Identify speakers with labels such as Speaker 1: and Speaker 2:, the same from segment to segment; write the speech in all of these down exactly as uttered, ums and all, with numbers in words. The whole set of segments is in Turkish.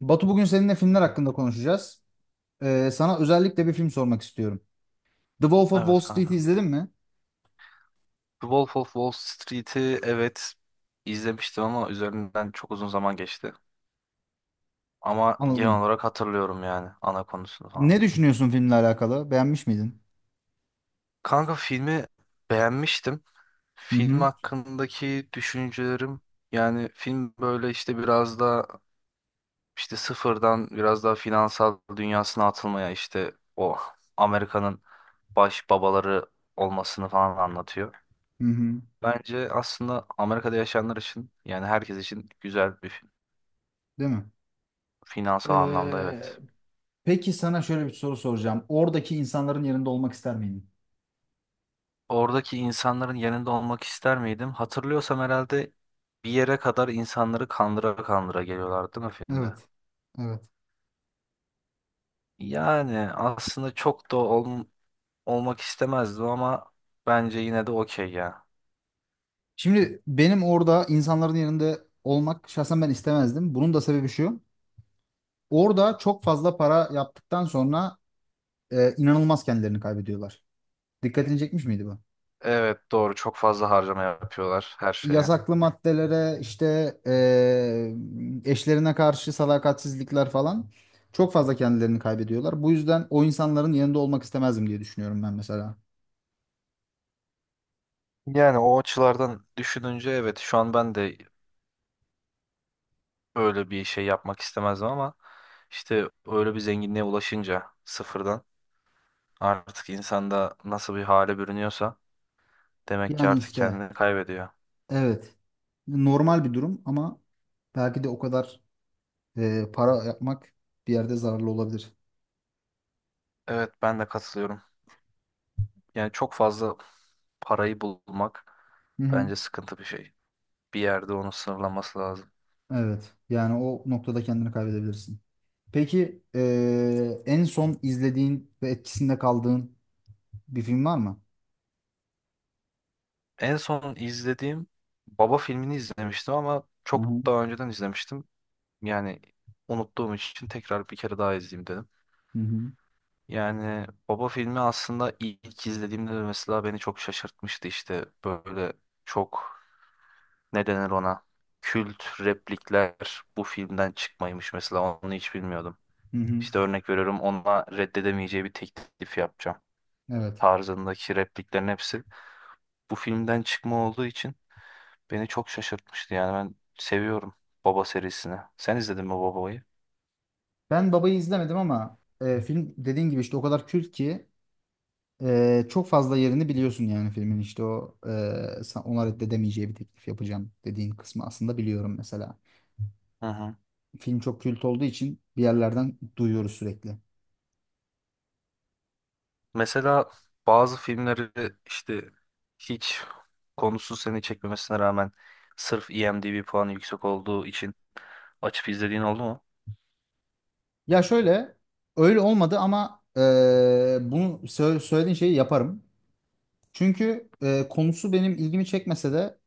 Speaker 1: Batu, bugün seninle filmler hakkında konuşacağız. Ee, sana özellikle bir film sormak istiyorum. The Wolf of Wall
Speaker 2: Evet
Speaker 1: Street'i
Speaker 2: kanka.
Speaker 1: izledin mi?
Speaker 2: The Wolf of Wall Street'i evet izlemiştim ama üzerinden çok uzun zaman geçti. Ama genel
Speaker 1: Anladım.
Speaker 2: olarak hatırlıyorum yani ana konusunu
Speaker 1: Ne
Speaker 2: falan.
Speaker 1: düşünüyorsun filmle alakalı? Beğenmiş miydin?
Speaker 2: Kanka filmi beğenmiştim.
Speaker 1: Hı
Speaker 2: Film
Speaker 1: hı.
Speaker 2: hakkındaki düşüncelerim yani film böyle işte biraz da işte sıfırdan biraz daha finansal dünyasına atılmaya işte o Amerika'nın baş babaları olmasını falan anlatıyor.
Speaker 1: Hı hı.
Speaker 2: Bence aslında Amerika'da yaşayanlar için yani herkes için güzel bir film.
Speaker 1: Değil mi?
Speaker 2: Finansal anlamda
Speaker 1: Ee,
Speaker 2: evet.
Speaker 1: peki sana şöyle bir soru soracağım. Oradaki insanların yerinde olmak ister miydin?
Speaker 2: Oradaki insanların yanında olmak ister miydim? Hatırlıyorsam herhalde bir yere kadar insanları kandıra kandıra geliyorlardı değil mi filmde?
Speaker 1: Evet. Evet.
Speaker 2: Yani aslında çok da ol- olmak istemezdim ama bence yine de okey ya.
Speaker 1: Şimdi benim orada insanların yerinde olmak şahsen ben istemezdim. Bunun da sebebi şu. Orada çok fazla para yaptıktan sonra e, inanılmaz kendilerini kaybediyorlar. Dikkatini çekmiş miydi bu?
Speaker 2: Evet doğru çok fazla harcama yapıyorlar her şeye.
Speaker 1: Yasaklı maddelere işte eee, eşlerine karşı sadakatsizlikler falan çok fazla kendilerini kaybediyorlar. Bu yüzden o insanların yanında olmak istemezdim diye düşünüyorum ben mesela.
Speaker 2: Yani o açılardan düşününce evet şu an ben de öyle bir şey yapmak istemezdim ama işte öyle bir zenginliğe ulaşınca sıfırdan artık insanda nasıl bir hale bürünüyorsa, demek ki
Speaker 1: Yani
Speaker 2: artık
Speaker 1: işte
Speaker 2: kendini kaybediyor.
Speaker 1: evet, normal bir durum ama belki de o kadar eee, para yapmak bir yerde zararlı olabilir.
Speaker 2: Evet ben de katılıyorum. Yani çok fazla parayı bulmak
Speaker 1: Hı hı.
Speaker 2: bence sıkıntı bir şey. Bir yerde onu sınırlaması lazım.
Speaker 1: Evet, yani o noktada kendini kaybedebilirsin. Peki eee, en son izlediğin ve etkisinde kaldığın bir film var mı?
Speaker 2: En son izlediğim Baba filmini izlemiştim ama
Speaker 1: Hı
Speaker 2: çok
Speaker 1: hı.
Speaker 2: daha önceden izlemiştim. Yani unuttuğum için tekrar bir kere daha izleyeyim dedim.
Speaker 1: Hı hı.
Speaker 2: Yani Baba filmi aslında ilk izlediğimde de mesela beni çok şaşırtmıştı işte böyle çok ne denir ona kült replikler bu filmden çıkmaymış mesela onu hiç bilmiyordum.
Speaker 1: Hı hı.
Speaker 2: İşte örnek veriyorum, ona reddedemeyeceği bir teklif yapacağım
Speaker 1: Evet.
Speaker 2: tarzındaki repliklerin hepsi bu filmden çıkma olduğu için beni çok şaşırtmıştı. Yani ben seviyorum Baba serisini. Sen izledin mi Baba'yı?
Speaker 1: Ben Baba'yı izlemedim ama e, film dediğin gibi işte o kadar kült ki e, çok fazla yerini biliyorsun, yani filmin işte o e, sa- ona reddedemeyeceği bir teklif yapacağım dediğin kısmı aslında biliyorum mesela.
Speaker 2: Hı hı.
Speaker 1: Film çok kült olduğu için bir yerlerden duyuyoruz sürekli.
Speaker 2: Mesela bazı filmleri işte hiç konusu seni çekmemesine rağmen sırf IMDb puanı yüksek olduğu için açıp izlediğin oldu mu?
Speaker 1: Ya şöyle, öyle olmadı ama e, bunu sö- söylediğin şeyi yaparım. Çünkü e, konusu benim ilgimi çekmese de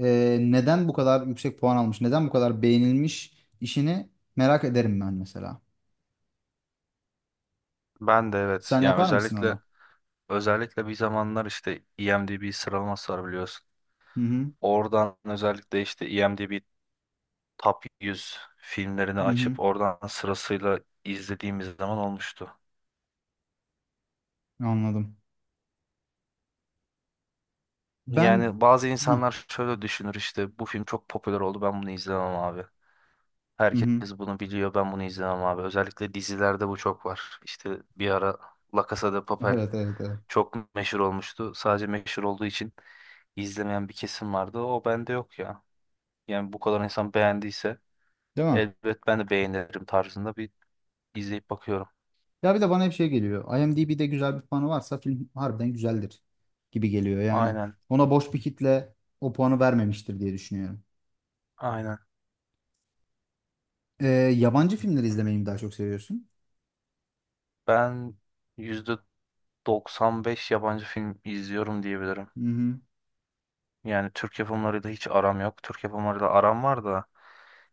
Speaker 1: e, neden bu kadar yüksek puan almış, neden bu kadar beğenilmiş işini merak ederim ben mesela.
Speaker 2: Ben de evet.
Speaker 1: Sen
Speaker 2: Yani
Speaker 1: yapar mısın
Speaker 2: özellikle
Speaker 1: onu?
Speaker 2: özellikle bir zamanlar işte IMDb sıralaması var biliyorsun.
Speaker 1: Hı hı.
Speaker 2: Oradan özellikle işte IMDb Top yüz filmlerini
Speaker 1: Hı hı.
Speaker 2: açıp oradan sırasıyla izlediğimiz zaman olmuştu.
Speaker 1: Anladım. Ben
Speaker 2: Yani bazı
Speaker 1: ha.
Speaker 2: insanlar şöyle düşünür, işte bu film çok popüler oldu, ben bunu izlemem abi.
Speaker 1: Hı
Speaker 2: Herkes
Speaker 1: hı.
Speaker 2: bunu biliyor, ben bunu izlemem abi. Özellikle dizilerde bu çok var. İşte bir ara La Casa de Papel
Speaker 1: Evet, evet, evet.
Speaker 2: çok meşhur olmuştu. Sadece meşhur olduğu için izlemeyen bir kesim vardı. O bende yok ya. Yani bu kadar insan beğendiyse
Speaker 1: Değil mi?
Speaker 2: elbet ben de beğenirim tarzında bir izleyip bakıyorum.
Speaker 1: Ya bir de bana hep şey geliyor. IMDb'de güzel bir puanı varsa film harbiden güzeldir gibi geliyor. Yani
Speaker 2: Aynen,
Speaker 1: ona boş bir kitle o puanı vermemiştir diye düşünüyorum.
Speaker 2: aynen.
Speaker 1: Ee, Yabancı filmleri izlemeyi mi daha çok seviyorsun?
Speaker 2: Ben yüzde doksan beş yabancı film izliyorum diyebilirim.
Speaker 1: Hı hı.
Speaker 2: Yani Türk yapımlarıyla hiç aram yok. Türk yapımlarıyla aram var da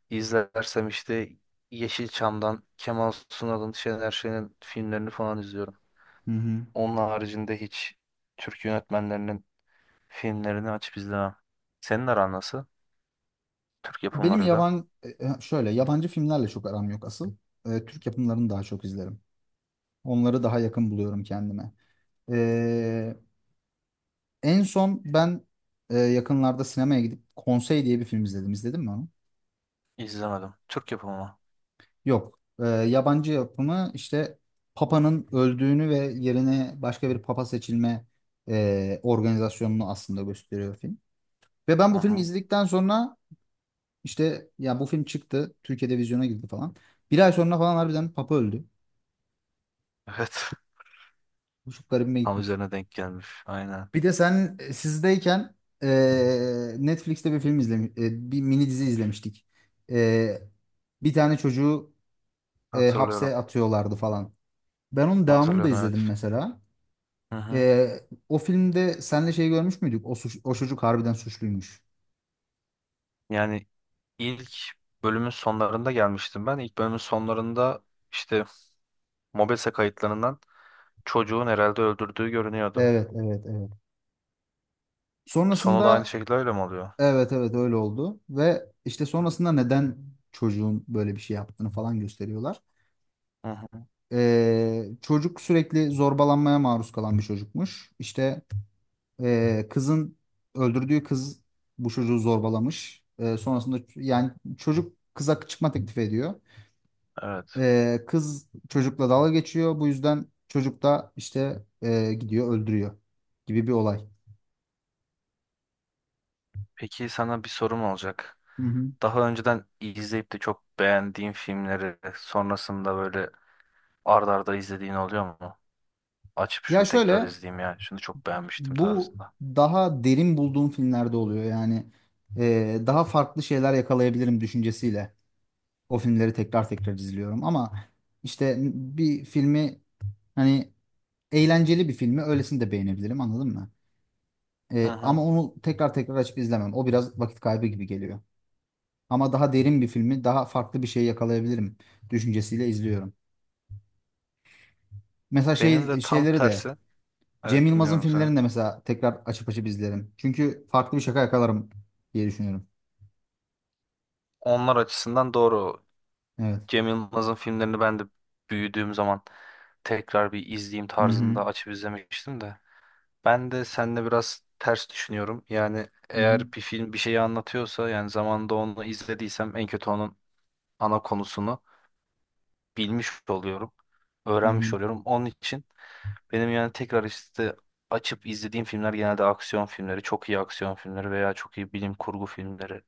Speaker 2: izlersem işte Yeşilçam'dan Kemal Sunal'ın, Şener Şen'in filmlerini falan izliyorum.
Speaker 1: Hı hı.
Speaker 2: Onun haricinde hiç Türk yönetmenlerinin filmlerini açıp izlemem. Senin aran nasıl Türk
Speaker 1: Benim
Speaker 2: yapımlarıyla?
Speaker 1: yaban e, e, Şöyle, yabancı filmlerle çok aram yok asıl. E, Türk yapımlarını daha çok izlerim. Onları daha yakın buluyorum kendime. Ee, En son ben e, yakınlarda sinemaya gidip Konsey diye bir film izledim. İzledin mi onu?
Speaker 2: İzlemedim. Türk yapımı mı?
Speaker 1: Yok. E, yabancı yapımı işte. Papa'nın öldüğünü ve yerine başka bir Papa seçilme e, organizasyonunu aslında gösteriyor film. Ve ben
Speaker 2: Hı
Speaker 1: bu filmi
Speaker 2: hı.
Speaker 1: izledikten sonra işte, ya bu film çıktı. Türkiye'de vizyona girdi falan. Bir ay sonra falan harbiden Papa öldü.
Speaker 2: Evet.
Speaker 1: Bu çok garibime
Speaker 2: Tam
Speaker 1: gitmişti.
Speaker 2: üzerine denk gelmiş. Aynen.
Speaker 1: Bir de sen e, sizdeyken e, Netflix'te bir film izlemiş, e, bir mini dizi izlemiştik. E, Bir tane çocuğu e,
Speaker 2: Hatırlıyorum.
Speaker 1: hapse atıyorlardı falan. Ben onun devamını da
Speaker 2: Hatırlıyorum evet.
Speaker 1: izledim mesela.
Speaker 2: Hı hı.
Speaker 1: E, O filmde senle şey görmüş müydük? O, suç, o çocuk harbiden suçluymuş.
Speaker 2: Yani ilk bölümün sonlarında gelmiştim ben. İlk bölümün sonlarında işte Mobese kayıtlarından çocuğun herhalde öldürdüğü görünüyordu.
Speaker 1: Evet, evet, evet.
Speaker 2: Sonu da aynı
Speaker 1: Sonrasında
Speaker 2: şekilde öyle mi oluyor?
Speaker 1: evet, evet öyle oldu ve işte sonrasında neden çocuğun böyle bir şey yaptığını falan gösteriyorlar.
Speaker 2: Hı hı.
Speaker 1: E, çocuk sürekli zorbalanmaya maruz kalan bir çocukmuş. İşte, Ee, kızın öldürdüğü kız bu çocuğu zorbalamış. Ee, sonrasında ç- yani çocuk kıza çıkma teklif ediyor.
Speaker 2: Evet.
Speaker 1: Ee, kız çocukla dalga geçiyor. Bu yüzden çocuk da işte e, gidiyor öldürüyor gibi bir olay.
Speaker 2: Peki sana bir sorum olacak.
Speaker 1: Hı hı.
Speaker 2: Daha önceden izleyip de çok beğendiğin filmleri sonrasında böyle ard arda izlediğin oluyor mu? Açıp
Speaker 1: Ya
Speaker 2: şunu tekrar
Speaker 1: şöyle,
Speaker 2: izleyeyim ya, şunu çok beğenmiştim
Speaker 1: bu
Speaker 2: tarzında.
Speaker 1: daha derin bulduğum filmlerde oluyor. Yani e, daha farklı şeyler yakalayabilirim düşüncesiyle o filmleri tekrar tekrar izliyorum. Ama işte bir filmi, hani eğlenceli bir filmi. Öylesini de beğenebilirim, anladın mı?
Speaker 2: Hı
Speaker 1: Ee,
Speaker 2: hı.
Speaker 1: ama onu tekrar tekrar açıp izlemem. O biraz vakit kaybı gibi geliyor. Ama daha derin bir filmi, daha farklı bir şey yakalayabilirim düşüncesiyle izliyorum. Mesela
Speaker 2: Benim
Speaker 1: şey
Speaker 2: de tam
Speaker 1: şeyleri de
Speaker 2: tersi.
Speaker 1: Cem
Speaker 2: Evet
Speaker 1: Yılmaz'ın
Speaker 2: dinliyorum seni.
Speaker 1: filmlerini de mesela tekrar açıp açıp izlerim. Çünkü farklı bir şaka yakalarım diye düşünüyorum.
Speaker 2: Onlar açısından doğru.
Speaker 1: Evet.
Speaker 2: Cem Yılmaz'ın filmlerini ben de büyüdüğüm zaman tekrar bir izleyeyim
Speaker 1: Hı hı.
Speaker 2: tarzında açıp izlemiştim de. Ben de seninle biraz ters düşünüyorum. Yani
Speaker 1: Hı hı.
Speaker 2: eğer bir film bir şeyi anlatıyorsa, yani zamanında onu izlediysem, en kötü onun ana konusunu bilmiş oluyorum.
Speaker 1: Hı
Speaker 2: Öğrenmiş
Speaker 1: hı.
Speaker 2: oluyorum. Onun için benim yani tekrar işte açıp izlediğim filmler genelde aksiyon filmleri, çok iyi aksiyon filmleri veya çok iyi bilim kurgu filmleri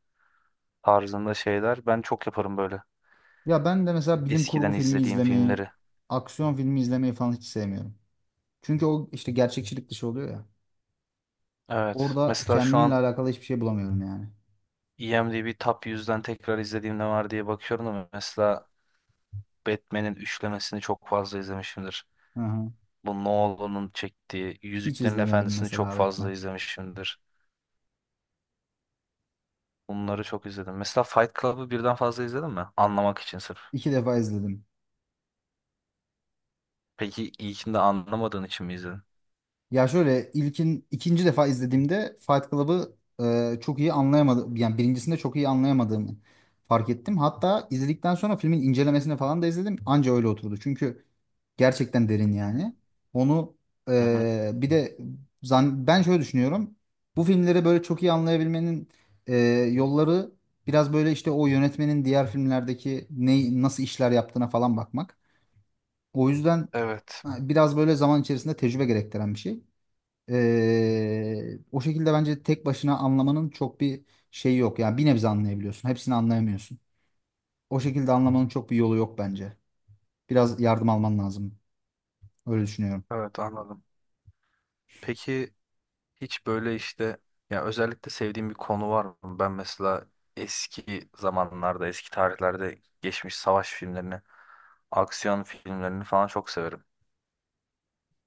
Speaker 2: tarzında şeyler. Ben çok yaparım böyle
Speaker 1: Ya ben de mesela bilim kurgu
Speaker 2: eskiden
Speaker 1: filmi
Speaker 2: izlediğim
Speaker 1: izlemeyi,
Speaker 2: filmleri.
Speaker 1: aksiyon filmi izlemeyi falan hiç sevmiyorum. Çünkü o işte gerçekçilik dışı oluyor ya.
Speaker 2: Evet.
Speaker 1: Orada
Speaker 2: Mesela şu
Speaker 1: kendimle
Speaker 2: an
Speaker 1: alakalı hiçbir şey bulamıyorum yani.
Speaker 2: IMDb Top yüzden tekrar izlediğim ne var diye bakıyorum ama mesela Batman'in üçlemesini çok fazla izlemişimdir.
Speaker 1: Hı hı.
Speaker 2: Bu Nolan'ın çektiği
Speaker 1: Hiç
Speaker 2: Yüzüklerin
Speaker 1: izlemedim
Speaker 2: Efendisi'ni çok
Speaker 1: mesela
Speaker 2: fazla
Speaker 1: Batman.
Speaker 2: izlemişimdir. Bunları çok izledim. Mesela Fight Club'ı birden fazla izledin mi? Anlamak için sırf.
Speaker 1: İki defa izledim.
Speaker 2: Peki ilkini de anlamadığın için mi izledin?
Speaker 1: Ya şöyle, ilkin ikinci defa izlediğimde Fight Club'ı e, çok iyi anlayamadım. Yani birincisinde çok iyi anlayamadığımı fark ettim. Hatta izledikten sonra filmin incelemesini falan da izledim. Anca öyle oturdu. Çünkü gerçekten derin
Speaker 2: Hmm.
Speaker 1: yani. Onu
Speaker 2: Hı hı.
Speaker 1: e, bir de zan- ben şöyle düşünüyorum. Bu filmleri böyle çok iyi anlayabilmenin e, yolları biraz böyle işte o yönetmenin diğer filmlerdeki ne, nasıl işler yaptığına falan bakmak. O yüzden,
Speaker 2: Evet.
Speaker 1: ha, biraz böyle zaman içerisinde tecrübe gerektiren bir şey. Ee, o şekilde bence tek başına anlamanın çok bir şeyi yok. Yani bir nebze anlayabiliyorsun. Hepsini anlayamıyorsun. O şekilde anlamanın çok bir yolu yok bence. Biraz yardım alman lazım. Öyle düşünüyorum.
Speaker 2: Evet anladım. Peki hiç böyle işte ya özellikle sevdiğim bir konu var mı? Ben mesela eski zamanlarda, eski tarihlerde geçmiş savaş filmlerini, aksiyon filmlerini falan çok severim.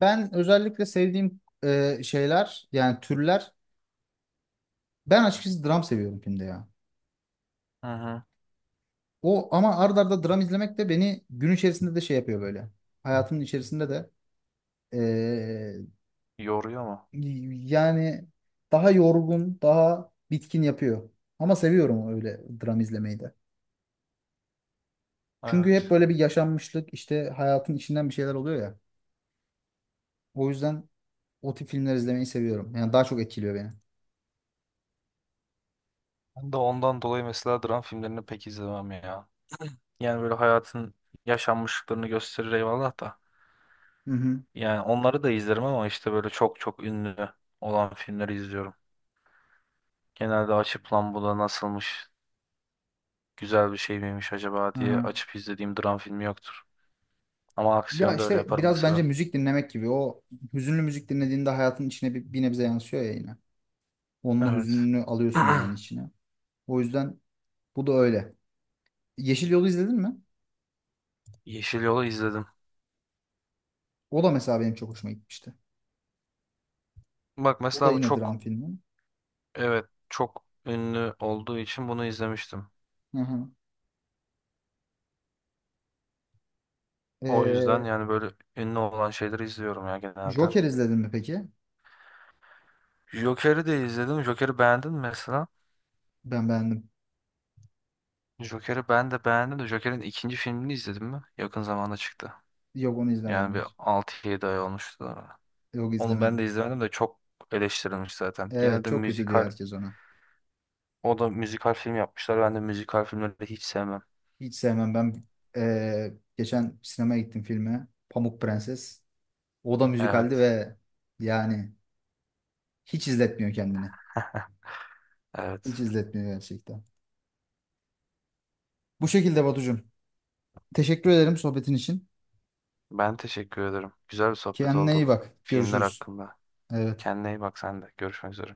Speaker 1: Ben özellikle sevdiğim e, şeyler, yani türler. Ben açıkçası dram seviyorum filmde ya.
Speaker 2: Hı hı.
Speaker 1: O ama ard arda dram izlemek de beni gün içerisinde de şey yapıyor böyle. Hayatımın içerisinde de e,
Speaker 2: Yoruyor mu?
Speaker 1: yani daha yorgun, daha bitkin yapıyor. Ama seviyorum öyle dram izlemeyi de. Çünkü hep
Speaker 2: Evet.
Speaker 1: böyle bir yaşanmışlık, işte hayatın içinden bir şeyler oluyor ya. O yüzden o tip filmler izlemeyi seviyorum. Yani daha çok etkiliyor beni.
Speaker 2: Ben de ondan dolayı mesela dram filmlerini pek izlemem ya. Yani böyle hayatın yaşanmışlıklarını gösterir eyvallah da.
Speaker 1: Hı hı.
Speaker 2: Yani onları da izlerim ama işte böyle çok çok ünlü olan filmleri izliyorum. Genelde açıp lan bu da nasılmış, güzel bir şey miymiş acaba
Speaker 1: Hı
Speaker 2: diye
Speaker 1: hı.
Speaker 2: açıp izlediğim dram filmi yoktur. Ama
Speaker 1: Ya
Speaker 2: aksiyonda öyle
Speaker 1: işte
Speaker 2: yaparım
Speaker 1: biraz bence
Speaker 2: mesela.
Speaker 1: müzik dinlemek gibi. O hüzünlü müzik dinlediğinde hayatın içine bir, bir nebze yansıyor ya yine. Onun o
Speaker 2: Evet.
Speaker 1: hüzününü alıyorsun yani içine. O yüzden bu da öyle. Yeşil Yol'u izledin mi?
Speaker 2: Yeşil Yol'u izledim.
Speaker 1: O da mesela benim çok hoşuma gitmişti.
Speaker 2: Bak
Speaker 1: O da
Speaker 2: mesela bu
Speaker 1: yine
Speaker 2: çok
Speaker 1: dram filmi.
Speaker 2: evet çok ünlü olduğu için bunu izlemiştim.
Speaker 1: Hı hı.
Speaker 2: O yüzden
Speaker 1: Ee,
Speaker 2: yani böyle ünlü olan şeyleri izliyorum ya genelde.
Speaker 1: Joker izledin mi peki?
Speaker 2: Joker'i de izledim. Joker'i beğendin mi mesela?
Speaker 1: Ben beğendim.
Speaker 2: Joker'i ben de beğendim de Joker'in ikinci filmini izledim mi? Yakın zamanda çıktı.
Speaker 1: Yok, onu izlemedim.
Speaker 2: Yani bir
Speaker 1: Hayır.
Speaker 2: altı yedi ay olmuştu da.
Speaker 1: Yok,
Speaker 2: Onu ben
Speaker 1: izlemedim.
Speaker 2: de izlemedim de çok eleştirilmiş zaten.
Speaker 1: Evet,
Speaker 2: Genelde
Speaker 1: çok kötü diyor
Speaker 2: müzikal,
Speaker 1: herkes ona.
Speaker 2: o da müzikal film yapmışlar. Ben de müzikal filmleri hiç sevmem.
Speaker 1: Hiç sevmem. Ben ee, Geçen sinemaya gittim filme. Pamuk Prenses. O da müzikaldi
Speaker 2: Evet.
Speaker 1: ve yani hiç izletmiyor kendini. Hiç
Speaker 2: Evet.
Speaker 1: izletmiyor gerçekten. Bu şekilde Batucuğum. Teşekkür ederim sohbetin için.
Speaker 2: Ben teşekkür ederim. Güzel bir sohbet
Speaker 1: Kendine
Speaker 2: oldu.
Speaker 1: iyi bak.
Speaker 2: Filmler
Speaker 1: Görüşürüz.
Speaker 2: hakkında.
Speaker 1: Evet.
Speaker 2: Kendine iyi bak sen de. Görüşmek üzere.